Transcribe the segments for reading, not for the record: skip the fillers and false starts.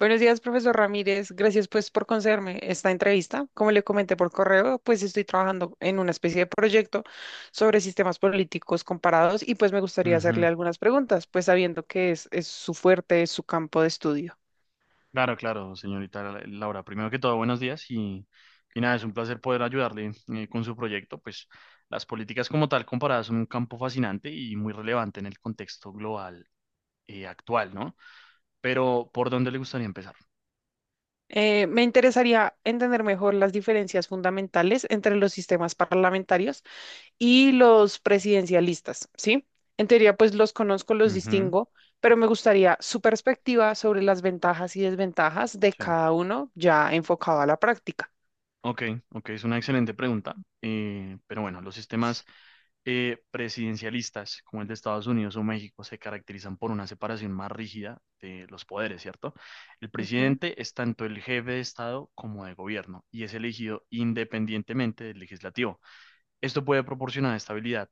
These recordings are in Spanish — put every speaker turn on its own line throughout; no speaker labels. Buenos días, profesor Ramírez. Gracias pues por concederme esta entrevista. Como le comenté por correo, pues estoy trabajando en una especie de proyecto sobre sistemas políticos comparados y pues me gustaría hacerle
Ujú.
algunas preguntas, pues sabiendo que es su fuerte, es su campo de estudio.
Claro, claro, señorita Laura. Primero que todo, buenos días y nada, es un placer poder ayudarle con su proyecto. Pues las políticas como tal comparadas son un campo fascinante y muy relevante en el contexto global actual, ¿no? Pero, ¿por dónde le gustaría empezar?
Me interesaría entender mejor las diferencias fundamentales entre los sistemas parlamentarios y los presidencialistas, ¿sí? En teoría, pues los conozco, los
Ujú,
distingo, pero me gustaría su perspectiva sobre las ventajas y desventajas de
sí.
cada uno ya enfocado a la práctica.
Ok, ok, es una excelente pregunta. Pero bueno, los sistemas presidencialistas, como el de Estados Unidos o México, se caracterizan por una separación más rígida de los poderes, ¿cierto? El
Ujú,
presidente es tanto el jefe de Estado como de gobierno y es elegido independientemente del legislativo. Esto puede proporcionar estabilidad,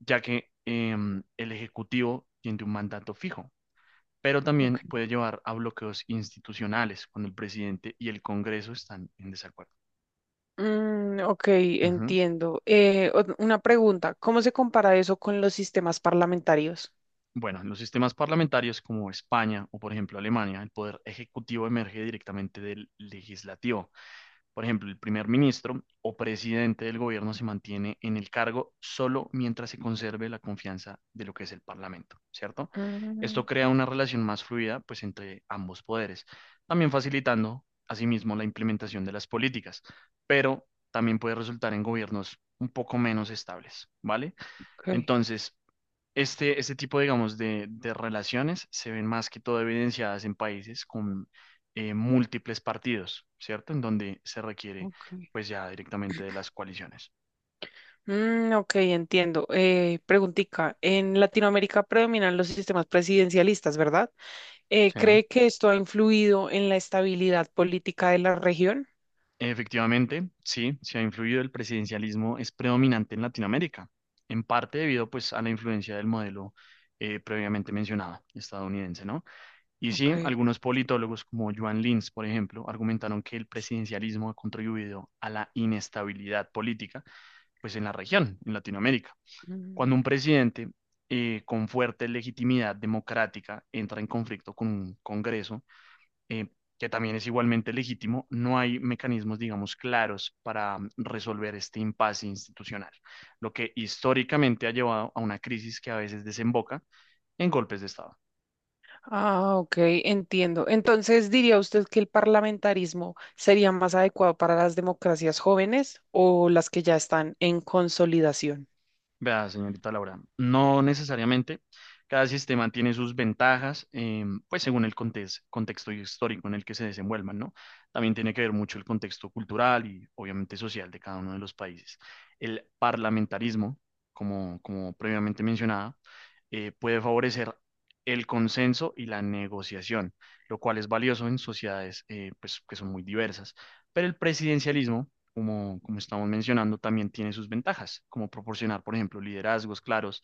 ya que el ejecutivo tiene un mandato fijo, pero también
ok.
puede llevar a bloqueos institucionales cuando el presidente y el Congreso están en desacuerdo.
Mm, ok,
Ujú.
entiendo. Una pregunta, ¿cómo se compara eso con los sistemas parlamentarios?
Bueno, en los sistemas parlamentarios como España o, por ejemplo, Alemania, el poder ejecutivo emerge directamente del legislativo. Por ejemplo, el primer ministro o presidente del gobierno se mantiene en el cargo solo mientras se conserve la confianza de lo que es el parlamento, ¿cierto? Esto
Mm,
crea una relación más fluida, pues, entre ambos poderes, también facilitando, asimismo, la implementación de las políticas, pero también puede resultar en gobiernos un poco menos estables, ¿vale?
ok,
Entonces, este tipo, digamos, de relaciones se ven más que todo evidenciadas en países con múltiples partidos, ¿cierto? En donde se requiere,
ok.
pues ya directamente de las coaliciones.
Mm, ok, entiendo. Preguntica, en Latinoamérica predominan los sistemas presidencialistas, ¿verdad?
¿Sí?
¿Cree que esto ha influido en la estabilidad política de la región?
Efectivamente, sí, se ha influido el presidencialismo, es predominante en Latinoamérica, en parte debido, pues, a la influencia del modelo previamente mencionado, estadounidense, ¿no? Y sí,
Ok.
algunos politólogos como Joan Lins, por ejemplo, argumentaron que el presidencialismo ha contribuido a la inestabilidad política pues en la región, en Latinoamérica. Cuando
Mm.
un presidente con fuerte legitimidad democrática entra en conflicto con un Congreso, eh, que también es igualmente legítimo, no hay mecanismos, digamos, claros para resolver este impasse institucional, lo que históricamente ha llevado a una crisis que a veces desemboca en golpes de Estado.
Ah, ok, entiendo. Entonces, ¿diría usted que el parlamentarismo sería más adecuado para las democracias jóvenes o las que ya están en consolidación?
Vea, señorita Laura, no necesariamente. Cada sistema tiene sus ventajas, pues según el contexto histórico en el que se desenvuelvan, ¿no? También tiene que ver mucho el contexto cultural y obviamente social de cada uno de los países. El parlamentarismo, como previamente mencionaba, puede favorecer el consenso y la negociación, lo cual es valioso en sociedades pues, que son muy diversas. Pero el presidencialismo como estamos mencionando, también tiene sus ventajas, como proporcionar, por ejemplo, liderazgos claros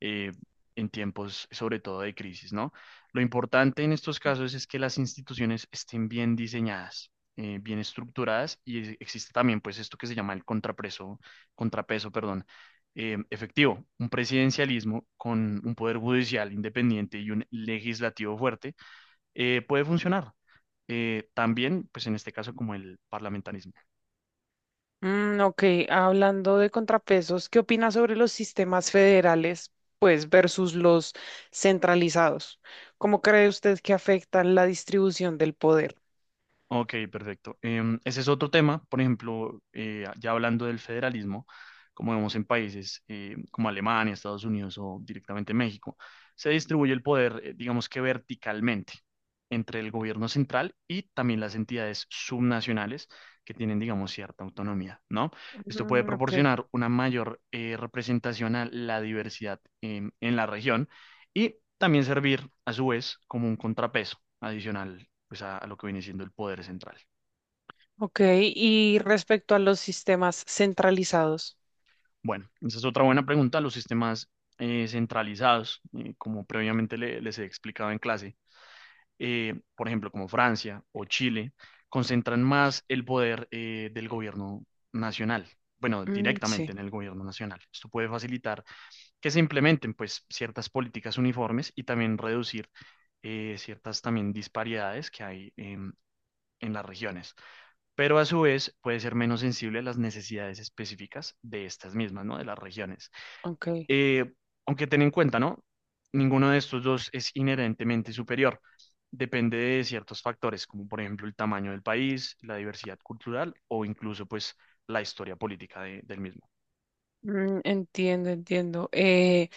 eh, en tiempos, sobre todo, de crisis, ¿no? Lo importante en estos casos es que las instituciones estén bien diseñadas, bien estructuradas y existe también, pues, esto que se llama el contrapeso, contrapeso, perdón, efectivo, un presidencialismo con un poder judicial independiente y un legislativo fuerte puede funcionar. También, pues en este caso, como el parlamentarismo.
Mm, ok, hablando de contrapesos, ¿qué opinas sobre los sistemas federales, pues, versus los centralizados? ¿Cómo cree usted que afectan la distribución del poder?
Ok, perfecto. Ese es otro tema, por ejemplo, ya hablando del federalismo, como vemos en países como Alemania, Estados Unidos o directamente México, se distribuye el poder, digamos que verticalmente, entre el gobierno central y también las entidades subnacionales que tienen, digamos, cierta autonomía, ¿no? Esto puede
Mm, ok,
proporcionar una mayor representación a la diversidad en la región y también servir, a su vez, como un contrapeso adicional pues a lo que viene siendo el poder central.
ok. Y respecto a los sistemas centralizados,
Bueno, esa es otra buena pregunta. Los sistemas centralizados, como previamente les he explicado en clase, por ejemplo, como Francia o Chile, concentran más el poder del gobierno nacional. Bueno,
mm,
directamente en
sí,
el gobierno nacional. Esto puede facilitar que se implementen pues ciertas políticas uniformes y también reducir ciertas también disparidades que hay en las regiones. Pero a su vez puede ser menos sensible a las necesidades específicas de estas mismas, ¿no? De las regiones.
ok.
Eh, Aunque ten en cuenta, ¿no? Ninguno de estos dos es inherentemente superior. Depende de ciertos factores, como por ejemplo el tamaño del país, la diversidad cultural o incluso pues la historia política del mismo.
Mm, entiendo, entiendo.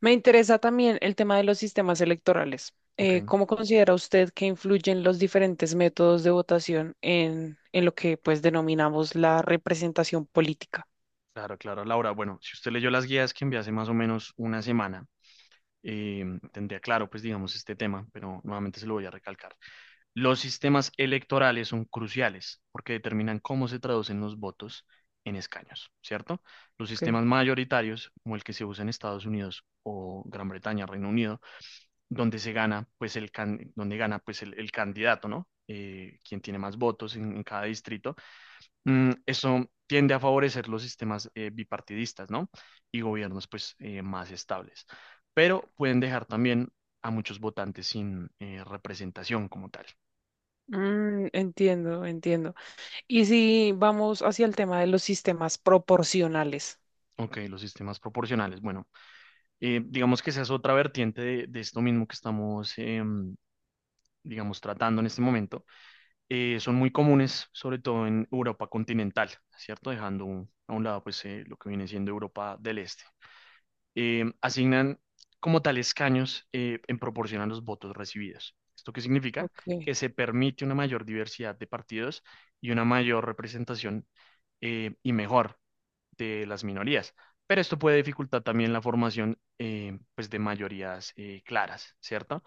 Me interesa también el tema de los sistemas electorales.
Ok,
¿Cómo considera usted que influyen los diferentes métodos de votación en lo que pues denominamos la representación política?
claro, claro, Laura. Bueno, si usted leyó las guías que envié hace más o menos una semana, eh, tendría claro pues digamos este tema, pero nuevamente se lo voy a recalcar. Los sistemas electorales son cruciales porque determinan cómo se traducen los votos en escaños, ¿cierto? Los
Ok.
sistemas mayoritarios, como el que se usa en Estados Unidos o Gran Bretaña, Reino Unido, donde se gana, pues el donde gana, pues el candidato, ¿no? Quien tiene más votos en cada distrito. Mm, eso tiende a favorecer los sistemas bipartidistas, ¿no? Y gobiernos, pues, más estables. Pero pueden dejar también a muchos votantes sin representación como tal.
Mm, entiendo, entiendo. Y si vamos hacia el tema de los sistemas proporcionales.
Ok, los sistemas proporcionales. Bueno, digamos que esa es otra vertiente de esto mismo que estamos, digamos, tratando en este momento. Son muy comunes, sobre todo en Europa continental, ¿cierto? Dejando a un lado, pues, lo que viene siendo Europa del Este. Asignan como tal escaños en proporción a los votos recibidos. ¿Esto qué significa?
Ok.
Que se permite una mayor diversidad de partidos y una mayor representación y mejor de las minorías. Pero esto puede dificultar también la formación pues de mayorías claras, ¿cierto?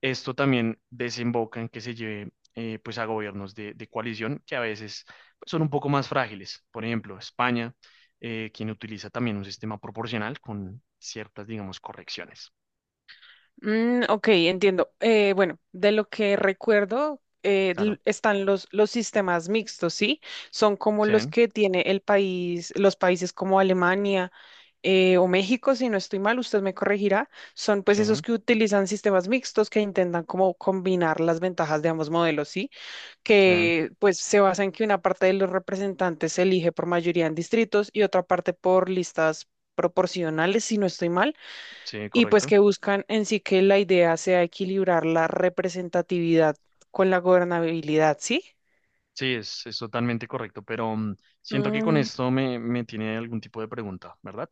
Esto también desemboca en que se lleve pues a gobiernos de coalición que a veces pues, son un poco más frágiles. Por ejemplo, España, quien utiliza también un sistema proporcional con ciertas, digamos, correcciones.
Mm, ok, entiendo. Bueno, de lo que recuerdo,
Claro.
están los sistemas mixtos, ¿sí? Son como
Sí,
los que tiene el país, los países como Alemania o México, si no estoy mal, usted me corregirá, son pues
sí,
esos que utilizan sistemas mixtos que intentan como combinar las ventajas de ambos modelos, ¿sí?
sí,
Que pues se basa en que una parte de los representantes se elige por mayoría en distritos y otra parte por listas proporcionales, si no estoy mal,
sí,
y pues
correcto.
que buscan en sí que la idea sea equilibrar la representatividad con la gobernabilidad, ¿sí?
Sí, es totalmente correcto, pero siento que con esto me, me tiene algún tipo de pregunta, ¿verdad?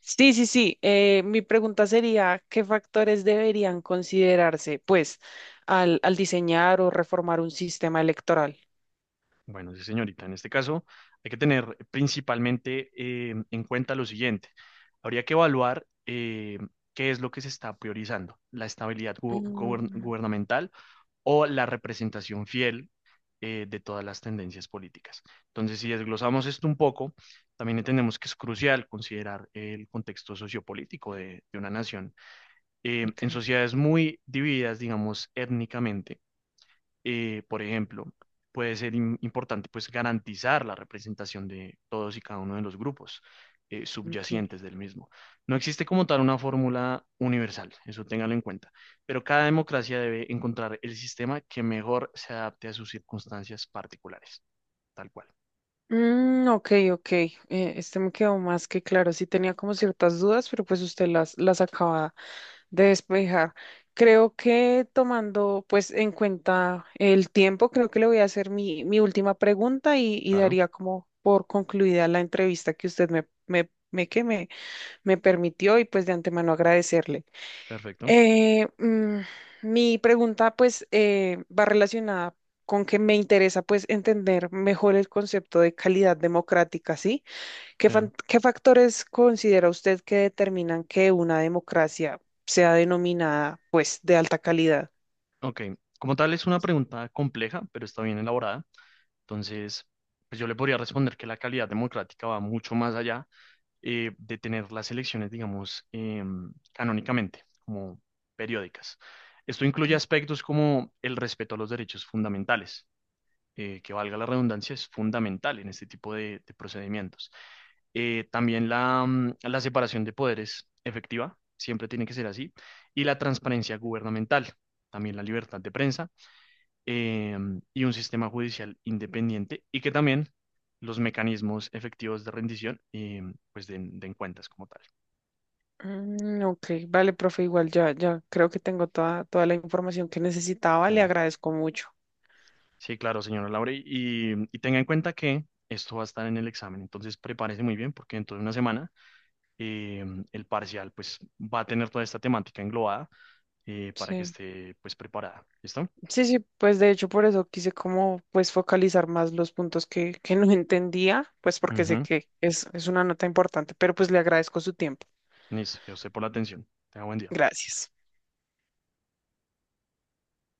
Sí, sí, sí. Mi pregunta sería, ¿qué factores deberían considerarse, pues, al diseñar o reformar un sistema electoral?
Bueno, sí, señorita, en este caso hay que tener principalmente en cuenta lo siguiente. Habría que evaluar qué es lo que se está priorizando, la estabilidad
Mm,
gubernamental o la representación fiel de todas las tendencias políticas. Entonces, si desglosamos esto un poco, también entendemos que es crucial considerar el contexto sociopolítico de una nación.
ok,
En sociedades muy divididas, digamos, étnicamente, por ejemplo, puede ser importante pues garantizar la representación de todos y cada uno de los grupos
ok.
subyacentes del mismo. No existe como tal una fórmula universal, eso téngalo en cuenta, pero cada democracia debe encontrar el sistema que mejor se adapte a sus circunstancias particulares, tal cual.
Mm, ok, ok. Este me quedó más que claro. Sí tenía como ciertas dudas, pero pues usted las acaba de despejar. Creo que tomando pues en cuenta el tiempo, creo que le voy a hacer mi última pregunta y
Claro,
daría como por concluida la entrevista que usted me, me, me, que me me permitió y pues de antemano agradecerle.
perfecto.
Eh, mm, Mi pregunta pues va relacionada con que me interesa pues entender mejor el concepto de calidad democrática, ¿sí?
Sí.
¿Qué factores considera usted que determinan que una democracia sea denominada pues de alta calidad?
Ok, como tal es una pregunta compleja, pero está bien elaborada, entonces pues yo le podría responder que la calidad democrática va mucho más allá de tener las elecciones, digamos, canónicamente, como periódicas. Esto incluye aspectos como el respeto a los derechos fundamentales, que valga la redundancia, es fundamental en este tipo de procedimientos. También la, la separación de poderes efectiva, siempre tiene que ser así, y la transparencia gubernamental. También la libertad de prensa y un sistema judicial independiente y que también los mecanismos efectivos de rendición y pues den, den cuentas como tal.
Mm, ok, vale, profe, igual ya, ya creo que tengo toda, toda la información que necesitaba, le
Claro.
agradezco mucho.
Sí, claro, señora Laura. Y tenga en cuenta que esto va a estar en el examen, entonces prepárese muy bien porque dentro de una semana eh, el parcial pues va a tener toda esta temática englobada para que
Sí.
esté pues preparada. ¿Listo?
Sí, sí, pues de hecho por eso quise como pues focalizar más los puntos que no entendía, pues porque sé
Ujú.
que es una nota importante, pero pues le agradezco su tiempo.
Listo, yo sé por la atención. Tenga buen día.
Gracias.